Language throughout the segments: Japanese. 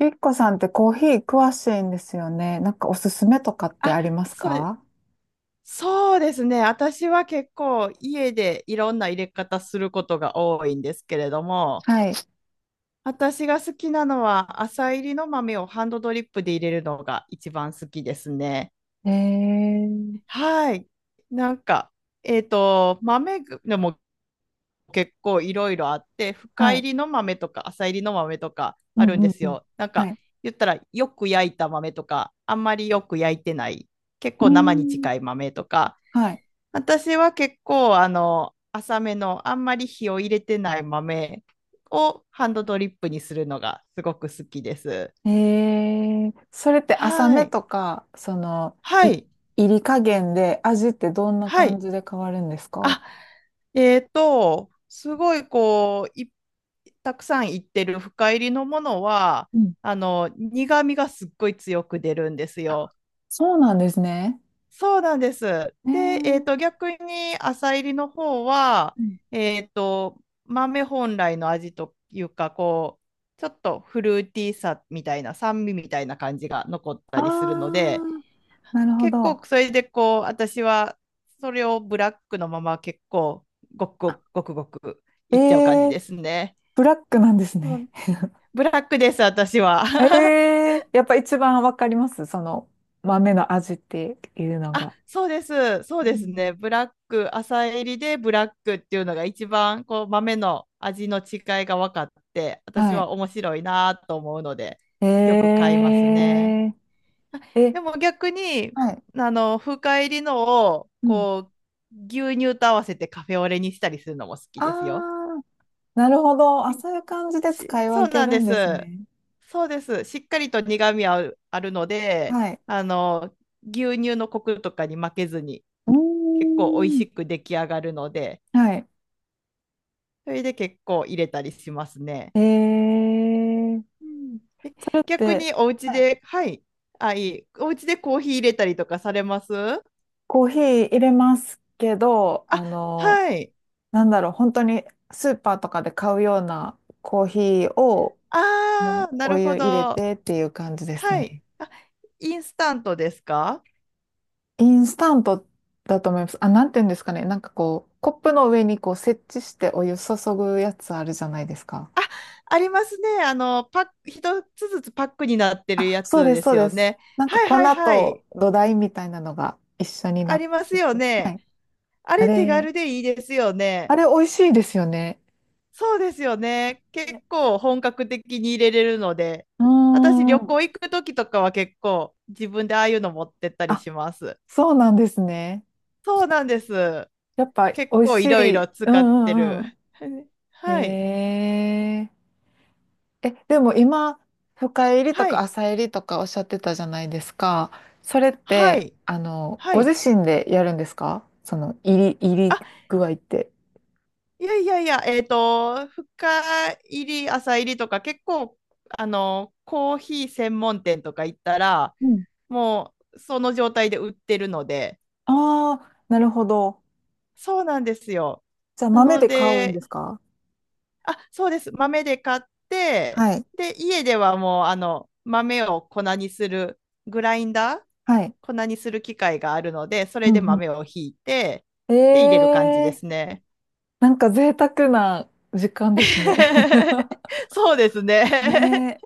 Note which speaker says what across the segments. Speaker 1: ゆきこさんってコーヒー詳しいんですよね。なんかおすすめとかって
Speaker 2: あ、
Speaker 1: あります
Speaker 2: そうで、
Speaker 1: か？
Speaker 2: そうですね。私は結構家でいろんな入れ方することが多いんですけれども、
Speaker 1: はい。
Speaker 2: 私が好きなのは朝入りの豆をハンドドリップで入れるのが一番好きですね。
Speaker 1: えー、
Speaker 2: はい。なんか、豆でも結構いろいろあって、深
Speaker 1: は
Speaker 2: 入
Speaker 1: い。
Speaker 2: りの豆とか浅入りの豆とか
Speaker 1: う
Speaker 2: あるん
Speaker 1: ん
Speaker 2: で
Speaker 1: うん
Speaker 2: す
Speaker 1: うん。
Speaker 2: よ。なん
Speaker 1: は
Speaker 2: か、
Speaker 1: い。
Speaker 2: 言ったらよく焼いた豆とか、あんまりよく焼いてない、結
Speaker 1: う
Speaker 2: 構
Speaker 1: ー
Speaker 2: 生に
Speaker 1: ん、
Speaker 2: 近い豆とか。
Speaker 1: は
Speaker 2: 私は結構、浅めの、あんまり火を入れてない豆をハンドドリップにするのがすごく好きです。
Speaker 1: い。それって浅
Speaker 2: は
Speaker 1: め
Speaker 2: い。
Speaker 1: とか、
Speaker 2: は
Speaker 1: い、
Speaker 2: い。
Speaker 1: 入り加減で味ってどんな
Speaker 2: は
Speaker 1: 感
Speaker 2: い。
Speaker 1: じで変わるんですか？
Speaker 2: あ、すごい、こう、たくさんいってる深入りのものは、
Speaker 1: うん。
Speaker 2: あの、苦味がすっごい強く出るんですよ。
Speaker 1: そうなんですね。
Speaker 2: そうなんです。
Speaker 1: え
Speaker 2: で、
Speaker 1: ー、
Speaker 2: 逆に浅入りの方は、
Speaker 1: うん。
Speaker 2: 豆本来の味というか、こう、ちょっとフルーティーさみたいな、酸味みたいな感じが残っ
Speaker 1: あ
Speaker 2: たりするので、
Speaker 1: ー、なるほ
Speaker 2: 結構
Speaker 1: ど。
Speaker 2: それでこう、私はそれをブラックのまま結構、ごくごくごくごく
Speaker 1: え
Speaker 2: いっちゃう感じ
Speaker 1: ー、
Speaker 2: ですね。
Speaker 1: ブラックなんです
Speaker 2: う
Speaker 1: ね。
Speaker 2: ん、ブラックです、私は。
Speaker 1: え え。やっぱ一番わかります、その豆の味っていうの
Speaker 2: あ、
Speaker 1: が。
Speaker 2: そうです。そう
Speaker 1: う
Speaker 2: です
Speaker 1: ん。
Speaker 2: ね。ブラック、浅煎りでブラックっていうのが一番こう豆の味の違いが分かって、私
Speaker 1: はい。
Speaker 2: は面白いなと思うので、
Speaker 1: え
Speaker 2: よく買いますね。あ
Speaker 1: ええ、
Speaker 2: でも逆に、
Speaker 1: はい。
Speaker 2: あの、深煎りのを
Speaker 1: うん。
Speaker 2: こう牛乳と合わせてカフェオレにしたりするのも好き
Speaker 1: あ
Speaker 2: ですよ。
Speaker 1: あ、なるほど。あ、そういう感じで
Speaker 2: し
Speaker 1: 使い
Speaker 2: そう
Speaker 1: 分け
Speaker 2: なん
Speaker 1: る
Speaker 2: で
Speaker 1: んです
Speaker 2: す。
Speaker 1: ね。
Speaker 2: そうです。しっかりと苦味あるので、
Speaker 1: はい。
Speaker 2: あの、牛乳のコクとかに負けずに。
Speaker 1: うー
Speaker 2: 結構美味し
Speaker 1: ん。
Speaker 2: く出来上がるので、
Speaker 1: はい。
Speaker 2: それで結構入れたりしますね。
Speaker 1: ええ、
Speaker 2: うん、
Speaker 1: それっ
Speaker 2: 逆
Speaker 1: て、
Speaker 2: にお家
Speaker 1: はい。
Speaker 2: で、はい、お家でコーヒー入れたりとかされますあ、
Speaker 1: コーヒー入れますけど、
Speaker 2: はい。
Speaker 1: なんだろう、本当にスーパーとかで買うようなコーヒーをも
Speaker 2: あ
Speaker 1: う
Speaker 2: あ、な
Speaker 1: お
Speaker 2: るほ
Speaker 1: 湯入れ
Speaker 2: ど。
Speaker 1: てっていう感じです
Speaker 2: はい。
Speaker 1: ね。
Speaker 2: あ、インスタントですか？
Speaker 1: インスタントだと思います。あ、なんていうんですかね。なんかこう、コップの上にこう設置してお湯注ぐやつあるじゃないですか。
Speaker 2: ありますね。あの、パック、一つずつパックになってる
Speaker 1: あ、
Speaker 2: や
Speaker 1: そう
Speaker 2: つ
Speaker 1: です、
Speaker 2: で
Speaker 1: そ
Speaker 2: す
Speaker 1: うで
Speaker 2: よ
Speaker 1: す。
Speaker 2: ね。
Speaker 1: なんか
Speaker 2: はい
Speaker 1: 粉
Speaker 2: はいは
Speaker 1: と
Speaker 2: い。
Speaker 1: 土台みたいなのが一緒に
Speaker 2: あ
Speaker 1: なっ
Speaker 2: ります
Speaker 1: て
Speaker 2: よ
Speaker 1: て。は
Speaker 2: ね。
Speaker 1: い。
Speaker 2: あ
Speaker 1: あ
Speaker 2: れ手
Speaker 1: れ、
Speaker 2: 軽でいいですよ
Speaker 1: あ
Speaker 2: ね。
Speaker 1: れ美味しいですよね。
Speaker 2: そうですよね。結
Speaker 1: ね。
Speaker 2: 構本格的に入れれるので、
Speaker 1: うー
Speaker 2: 私旅
Speaker 1: ん。
Speaker 2: 行行く時とかは結構自分でああいうの持ってったり
Speaker 1: あ、
Speaker 2: します。
Speaker 1: そうなんですね。
Speaker 2: そうなんです。
Speaker 1: やっぱ
Speaker 2: 結
Speaker 1: 美味
Speaker 2: 構
Speaker 1: し
Speaker 2: いろい
Speaker 1: い。
Speaker 2: ろ使
Speaker 1: う
Speaker 2: って
Speaker 1: んうん
Speaker 2: る。
Speaker 1: うん。
Speaker 2: はい。
Speaker 1: へえ。え、でも今、深入りと
Speaker 2: は
Speaker 1: か
Speaker 2: い。
Speaker 1: 浅入りとかおっしゃってたじゃないですか。それっ
Speaker 2: は
Speaker 1: て、
Speaker 2: い。は
Speaker 1: ご
Speaker 2: い。
Speaker 1: 自身でやるんですか？その入り
Speaker 2: あ、
Speaker 1: 具合って。
Speaker 2: いやいやいや、深入り、浅入りとか結構、あの、コーヒー専門店とか行ったら、
Speaker 1: うん。
Speaker 2: もうその状態で売ってるので、
Speaker 1: ああ、なるほど。
Speaker 2: そうなんですよ。
Speaker 1: じゃあ
Speaker 2: な
Speaker 1: 豆
Speaker 2: の
Speaker 1: で買うん
Speaker 2: で、
Speaker 1: ですか？
Speaker 2: あ、そうです。豆で買って、
Speaker 1: はい。
Speaker 2: で、家ではもう、あの、豆を粉にする、グラインダー、
Speaker 1: はい。
Speaker 2: 粉にする機械があるので、そ
Speaker 1: う
Speaker 2: れで
Speaker 1: んう
Speaker 2: 豆をひいて、
Speaker 1: ん。
Speaker 2: で、入れる感じですね。
Speaker 1: なんか贅沢な時間ですね。
Speaker 2: そうですね。
Speaker 1: ね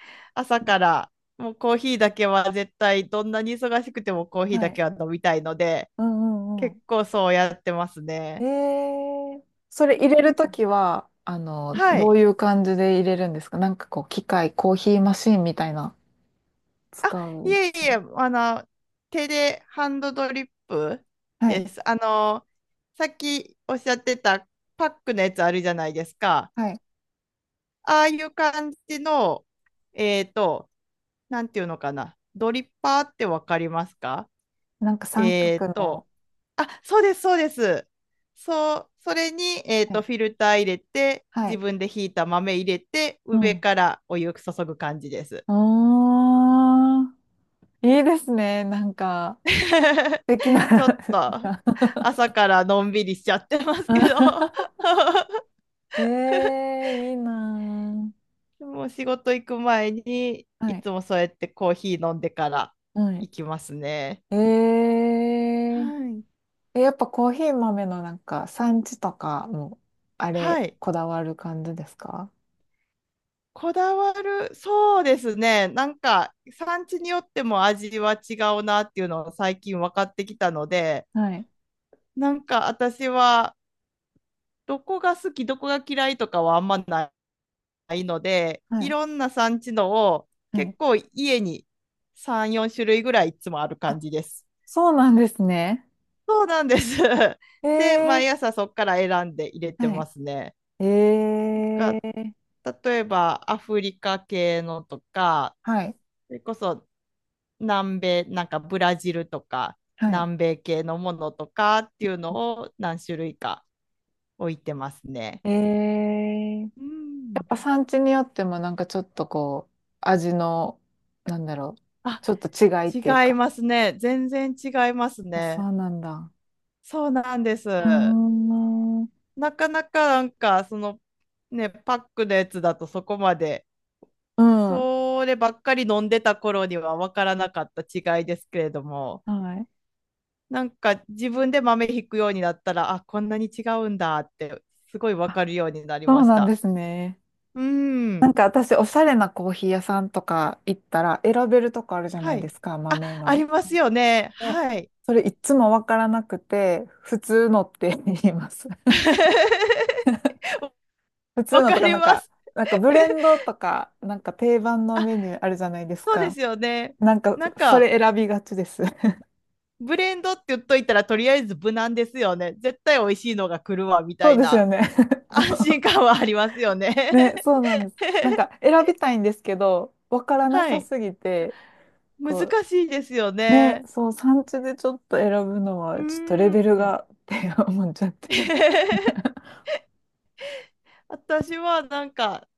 Speaker 2: 朝から、もうコーヒーだけは絶対、どんなに忙しくてもコーヒ
Speaker 1: え。
Speaker 2: ー
Speaker 1: は
Speaker 2: だ
Speaker 1: い。
Speaker 2: けは飲みたいので、
Speaker 1: うんうんう
Speaker 2: 結
Speaker 1: ん。
Speaker 2: 構そうやってます
Speaker 1: え
Speaker 2: ね。
Speaker 1: ー、それ入
Speaker 2: う
Speaker 1: れる
Speaker 2: ん。
Speaker 1: ときは、
Speaker 2: は
Speaker 1: どう
Speaker 2: い。
Speaker 1: いう感じで入れるんですか？なんかこう、機械、コーヒーマシーンみたいな、
Speaker 2: あ、
Speaker 1: 使う
Speaker 2: い
Speaker 1: んで
Speaker 2: え
Speaker 1: す
Speaker 2: い
Speaker 1: か？
Speaker 2: え、あの、手でハンドドリップ
Speaker 1: はい、
Speaker 2: です。あの、さっきおっしゃってたパックのやつあるじゃないですか。
Speaker 1: はい。
Speaker 2: ああいう感じの、えっと、なんていうのかな。ドリッパーってわかりますか？
Speaker 1: なんか三
Speaker 2: えっ
Speaker 1: 角の、
Speaker 2: と、あ、そうです、そうです。そう、それに、
Speaker 1: はい、
Speaker 2: フィルター入れて、
Speaker 1: は
Speaker 2: 自
Speaker 1: い。
Speaker 2: 分でひいた豆入れて、
Speaker 1: う
Speaker 2: 上
Speaker 1: ん。
Speaker 2: からお湯注ぐ感じです。
Speaker 1: おー、いいですね。なんか、素敵な。
Speaker 2: ちょっと朝 からのんびりしちゃってますけど、
Speaker 1: ええー、いいな
Speaker 2: もう仕事行く前に
Speaker 1: ー。は
Speaker 2: い
Speaker 1: い、
Speaker 2: つもそうやってコーヒー飲んでから
Speaker 1: はい。
Speaker 2: 行きますね。
Speaker 1: え
Speaker 2: は
Speaker 1: え
Speaker 2: い。
Speaker 1: え、やっぱコーヒー豆のなんか産地とかも、あ
Speaker 2: は
Speaker 1: れ、
Speaker 2: い。
Speaker 1: こだわる感じですか？
Speaker 2: こだわる、そうですね。なんか産地によっても味は違うなっていうのを最近分かってきたので、
Speaker 1: はい。
Speaker 2: なんか私はどこが好き、どこが嫌いとかはあんないので、
Speaker 1: は
Speaker 2: い
Speaker 1: い。
Speaker 2: ろんな産地のを
Speaker 1: はい。
Speaker 2: 結構家に3、4種類ぐらいいつもある
Speaker 1: あ、
Speaker 2: 感じです。
Speaker 1: そうなんですね。
Speaker 2: そうなんです。
Speaker 1: え
Speaker 2: で、
Speaker 1: ー、
Speaker 2: 毎朝そこから選んで入れて
Speaker 1: は
Speaker 2: ま
Speaker 1: い。
Speaker 2: すね。
Speaker 1: え
Speaker 2: が
Speaker 1: ー、
Speaker 2: 例えばアフリカ系のとか、
Speaker 1: はい。
Speaker 2: それこそ南米、なんかブラジルとか、
Speaker 1: はい。
Speaker 2: 南米系のものとかっていうのを何種類か置いてますね。
Speaker 1: えー、や
Speaker 2: うん。
Speaker 1: っぱ産地によってもなんかちょっとこう、味の、なんだろう、
Speaker 2: あ、
Speaker 1: ちょっと違いっていう
Speaker 2: 違い
Speaker 1: か。
Speaker 2: ますね。全然違います
Speaker 1: そ
Speaker 2: ね。
Speaker 1: うなんだ。
Speaker 2: そうなんです。
Speaker 1: うーん。うん。
Speaker 2: なかなかなんか、その、ね、パックのやつだとそこまで、そればっかり飲んでた頃には分からなかった違いですけれども、
Speaker 1: はい。
Speaker 2: なんか自分で豆ひくようになったら、あ、こんなに違うんだって、すごい分
Speaker 1: あ、
Speaker 2: かるようになり
Speaker 1: そ
Speaker 2: ま
Speaker 1: う
Speaker 2: し
Speaker 1: なんで
Speaker 2: た。
Speaker 1: すね。
Speaker 2: う
Speaker 1: な
Speaker 2: ん。
Speaker 1: んか私、おしゃれなコーヒー屋さんとか行ったら、選べるとこあるじゃな
Speaker 2: は
Speaker 1: いで
Speaker 2: い。
Speaker 1: すか、
Speaker 2: あ、
Speaker 1: 豆
Speaker 2: あり
Speaker 1: の。
Speaker 2: ますよね。
Speaker 1: で、
Speaker 2: はい。
Speaker 1: それいつもわからなくて、普通のって言います。普通
Speaker 2: わ
Speaker 1: の
Speaker 2: か
Speaker 1: とか、
Speaker 2: り
Speaker 1: なん
Speaker 2: ま
Speaker 1: か、
Speaker 2: す。
Speaker 1: なんかブレンドとか、なんか定番の
Speaker 2: あ、
Speaker 1: メニューあるじゃないです
Speaker 2: そうで
Speaker 1: か。
Speaker 2: すよね。
Speaker 1: なんか、
Speaker 2: なん
Speaker 1: そ
Speaker 2: か、
Speaker 1: れ選びがちです。
Speaker 2: ブレンドって言っといたらとりあえず無難ですよね。絶対美味しいのが来るわみた
Speaker 1: そう
Speaker 2: い
Speaker 1: ですよ
Speaker 2: な。
Speaker 1: ね。そ
Speaker 2: 安心
Speaker 1: う。
Speaker 2: 感はありますよね。
Speaker 1: ね、そうなんです。なんか、選びたいんですけど、わからな
Speaker 2: は
Speaker 1: さ
Speaker 2: い。
Speaker 1: すぎて、
Speaker 2: 難
Speaker 1: こ
Speaker 2: しいですよ
Speaker 1: う、ね、
Speaker 2: ね。
Speaker 1: そう、産地でちょっと選ぶの
Speaker 2: う
Speaker 1: は、ちょっとレ
Speaker 2: ー
Speaker 1: ベル
Speaker 2: ん。
Speaker 1: がって思っちゃって。
Speaker 2: 私はなんか、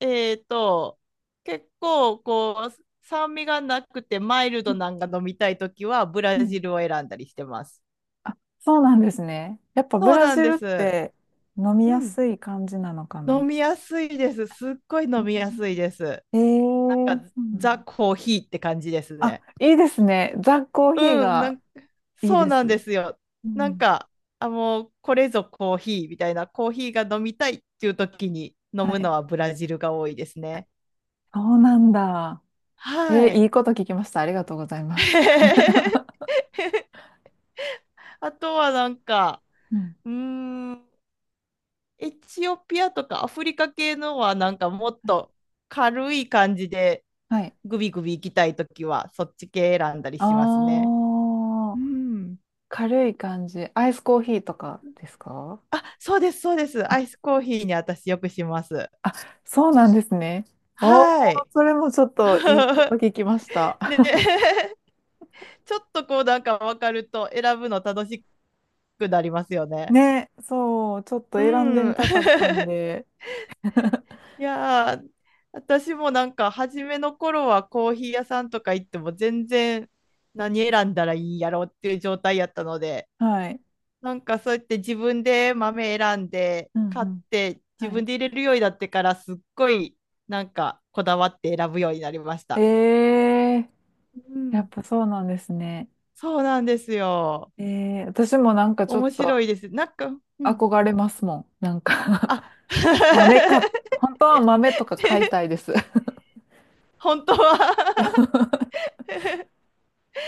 Speaker 2: えっと、結構こう、酸味がなくてマイルドなんか飲みたいときはブ
Speaker 1: う
Speaker 2: ラ
Speaker 1: ん。
Speaker 2: ジルを選んだりしてます。
Speaker 1: あ、そうなんですね。やっぱブ
Speaker 2: そう
Speaker 1: ラ
Speaker 2: なん
Speaker 1: ジ
Speaker 2: で
Speaker 1: ルっ
Speaker 2: す。
Speaker 1: て飲み
Speaker 2: う
Speaker 1: や
Speaker 2: ん。
Speaker 1: すい感じなのかな。
Speaker 2: 飲みやすいです。すっごい飲みやすいです。
Speaker 1: ええ
Speaker 2: なん
Speaker 1: ー、
Speaker 2: か
Speaker 1: そうなん
Speaker 2: ザ・
Speaker 1: だ。
Speaker 2: コーヒーって感じです
Speaker 1: あ、
Speaker 2: ね。
Speaker 1: いいですね。ザ・コーヒー
Speaker 2: うん、な
Speaker 1: が
Speaker 2: ん、
Speaker 1: いい
Speaker 2: そう
Speaker 1: で
Speaker 2: なんで
Speaker 1: す。
Speaker 2: すよ。
Speaker 1: う
Speaker 2: なん
Speaker 1: ん。
Speaker 2: か、あ、もうこれぞコーヒーみたいな、コーヒーが飲みたいっていう時に飲
Speaker 1: は
Speaker 2: む
Speaker 1: い。
Speaker 2: のはブラジルが多いですね。
Speaker 1: そうなんだ。
Speaker 2: は
Speaker 1: い
Speaker 2: い。
Speaker 1: いこと聞きました。ありがとうございます。
Speaker 2: あとはなんか、
Speaker 1: うん。
Speaker 2: うーん、エチオピアとかアフリカ系のはなんかもっと軽い感じで
Speaker 1: はい。
Speaker 2: グビグビ行きたい時はそっち系選んだりしますね。
Speaker 1: あ
Speaker 2: う
Speaker 1: あ、
Speaker 2: ん。
Speaker 1: 軽い感じ。アイスコーヒーとかですか？
Speaker 2: あ、そうです、そうです。ア
Speaker 1: あ、
Speaker 2: イスコーヒーに私よくします。
Speaker 1: あ、そうなんですね。おー、
Speaker 2: はい。
Speaker 1: それもちょっといいこと 聞きました。
Speaker 2: ね、ちょっとこうなんか分かると選ぶの楽しくなりますよね。
Speaker 1: ね、そう、ちょっと
Speaker 2: う
Speaker 1: 選んでみ
Speaker 2: ん。
Speaker 1: たかったん で、
Speaker 2: いやー、私もなんか初めの頃はコーヒー屋さんとか行っても全然何選んだらいいんやろっていう状態やったので、
Speaker 1: はい。
Speaker 2: なんかそうやって自分で豆選んで
Speaker 1: うんう
Speaker 2: 買っ
Speaker 1: ん。
Speaker 2: て自
Speaker 1: はい。
Speaker 2: 分で入れるようになってからすっごいなんかこだわって選ぶようになりまし
Speaker 1: え
Speaker 2: た。
Speaker 1: え
Speaker 2: う
Speaker 1: ー、やっ
Speaker 2: ん、
Speaker 1: ぱそうなんですね。
Speaker 2: そうなんですよ。
Speaker 1: ええー、私もなんかちょっ
Speaker 2: 面
Speaker 1: と
Speaker 2: 白いです。なんか、うん、
Speaker 1: 憧れますもん。なんか
Speaker 2: あ。
Speaker 1: 豆か、本当 は
Speaker 2: え
Speaker 1: 豆とか買いたいです。
Speaker 2: 本当は。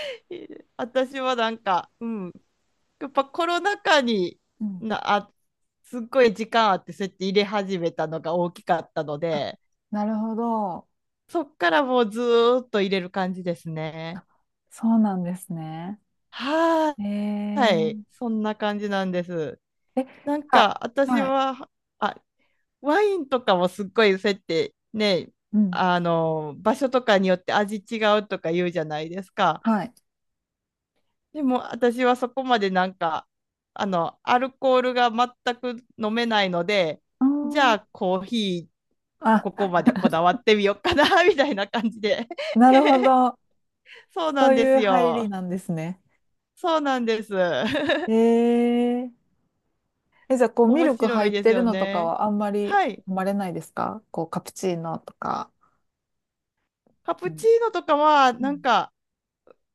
Speaker 2: 私はなんか、うん、やっぱコロナ禍に
Speaker 1: うん。
Speaker 2: な、あ、すっごい時間あってそうやって入れ始めたのが大きかったの
Speaker 1: あ、
Speaker 2: で、
Speaker 1: なるほど。
Speaker 2: そっからもうずーっと入れる感じですね。
Speaker 1: そうなんですね。
Speaker 2: は
Speaker 1: え
Speaker 2: ーい、
Speaker 1: え
Speaker 2: そんな感じなんです。
Speaker 1: ー、え、
Speaker 2: なん
Speaker 1: あ、
Speaker 2: か私
Speaker 1: はい。
Speaker 2: は、あ、ワインとかもすっごいそうやってね、
Speaker 1: うん。
Speaker 2: あの、場所とかによって味違うとか言うじゃないですか。
Speaker 1: はい。
Speaker 2: でも私はそこまでなんか、あの、アルコールが全く飲めないので、
Speaker 1: うー
Speaker 2: じ
Speaker 1: ん。
Speaker 2: ゃあコーヒー、ここ
Speaker 1: あ、
Speaker 2: までこだわってみようかな、みたいな感じで。
Speaker 1: なるほど。
Speaker 2: そうな
Speaker 1: そ
Speaker 2: ん
Speaker 1: う
Speaker 2: で
Speaker 1: い
Speaker 2: す
Speaker 1: う入り
Speaker 2: よ。
Speaker 1: なんですね。
Speaker 2: そうなんです。
Speaker 1: えー。え、じゃあ、こ う、ミ
Speaker 2: 面
Speaker 1: ルク
Speaker 2: 白
Speaker 1: 入
Speaker 2: い
Speaker 1: っ
Speaker 2: です
Speaker 1: てる
Speaker 2: よ
Speaker 1: のとか
Speaker 2: ね。
Speaker 1: はあんまり
Speaker 2: はい。
Speaker 1: 飲まれないですか？こう、カプチーノとか。
Speaker 2: カ
Speaker 1: う
Speaker 2: プ
Speaker 1: ん
Speaker 2: チーノとかは、
Speaker 1: う
Speaker 2: なん
Speaker 1: ん
Speaker 2: か、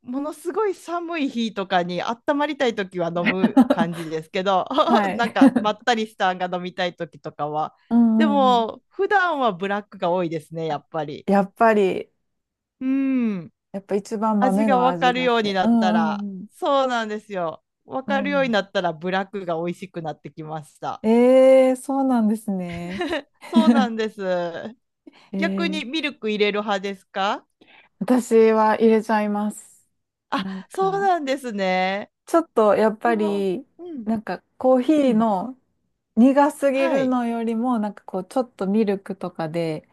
Speaker 2: ものすごい寒い日とかに温まりたいときは飲む 感じですけど、
Speaker 1: はい。
Speaker 2: なんか まったりしたんが飲みたいときとかは、
Speaker 1: う
Speaker 2: で
Speaker 1: んうんうん。
Speaker 2: も普段はブラックが多いですね、やっぱり。
Speaker 1: やっぱり、
Speaker 2: うん、
Speaker 1: やっぱ一番
Speaker 2: 味
Speaker 1: 豆
Speaker 2: が
Speaker 1: の
Speaker 2: 分
Speaker 1: 味
Speaker 2: かる
Speaker 1: があっ
Speaker 2: ように
Speaker 1: て。
Speaker 2: な
Speaker 1: う
Speaker 2: った
Speaker 1: んう
Speaker 2: ら、
Speaker 1: ん
Speaker 2: そうなんですよ、分
Speaker 1: う
Speaker 2: か
Speaker 1: ん。う
Speaker 2: るように
Speaker 1: ん。
Speaker 2: なったらブラックが美味しくなってきました。
Speaker 1: そうなんですね。
Speaker 2: そうなんです。
Speaker 1: え
Speaker 2: 逆
Speaker 1: ー、
Speaker 2: にミルク入れる派ですか？
Speaker 1: 私は入れちゃいます。
Speaker 2: あ、
Speaker 1: なん
Speaker 2: そう
Speaker 1: か、
Speaker 2: なんですね。
Speaker 1: ちょっとやっぱ
Speaker 2: でも、
Speaker 1: り、
Speaker 2: うん、
Speaker 1: なんかコーヒ
Speaker 2: う
Speaker 1: ー
Speaker 2: ん、
Speaker 1: の苦すぎ
Speaker 2: は
Speaker 1: る
Speaker 2: い、
Speaker 1: のよりも、なんかこう、ちょっとミルクとかで、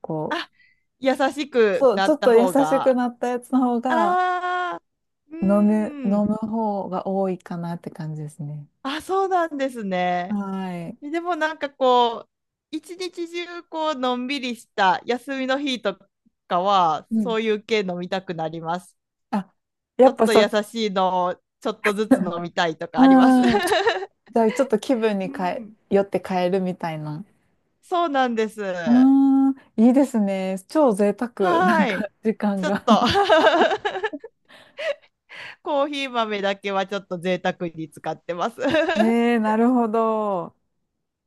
Speaker 1: こう、
Speaker 2: あ、優しく
Speaker 1: そう、
Speaker 2: な
Speaker 1: ちょ
Speaker 2: っ
Speaker 1: っ
Speaker 2: た
Speaker 1: と優
Speaker 2: 方
Speaker 1: し
Speaker 2: が、
Speaker 1: くなったやつの方
Speaker 2: あ
Speaker 1: が
Speaker 2: あ、うー
Speaker 1: 飲む、飲
Speaker 2: ん、
Speaker 1: む方が多いかなって感じですね。
Speaker 2: あ、そうなんですね。
Speaker 1: はい。
Speaker 2: でもなんかこう、一日中こう、のんびりした休みの日とかは、
Speaker 1: うん。
Speaker 2: そういう系飲みたくなります。
Speaker 1: あ、や
Speaker 2: ちょ
Speaker 1: っ
Speaker 2: っ
Speaker 1: ぱ
Speaker 2: と
Speaker 1: そう。
Speaker 2: 優しいのをちょっとずつ飲 みたいとかあります。
Speaker 1: うん。じゃあちょっと気分
Speaker 2: う
Speaker 1: に
Speaker 2: ん。
Speaker 1: よって変えるみたいな。
Speaker 2: そうなんです。
Speaker 1: う
Speaker 2: は
Speaker 1: ーん、いいですね。超贅沢、なん
Speaker 2: ー
Speaker 1: か
Speaker 2: い。
Speaker 1: 時間
Speaker 2: ちょっ
Speaker 1: が。
Speaker 2: と。 コーヒー豆だけはちょっと贅沢に使ってます。
Speaker 1: なるほど。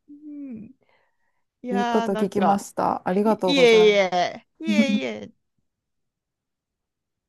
Speaker 2: うん、い
Speaker 1: いいこ
Speaker 2: や
Speaker 1: と
Speaker 2: ーな
Speaker 1: 聞
Speaker 2: ん
Speaker 1: きま
Speaker 2: か。
Speaker 1: した。あ りがとう
Speaker 2: い
Speaker 1: ござ
Speaker 2: えい
Speaker 1: います。
Speaker 2: え、いえい え、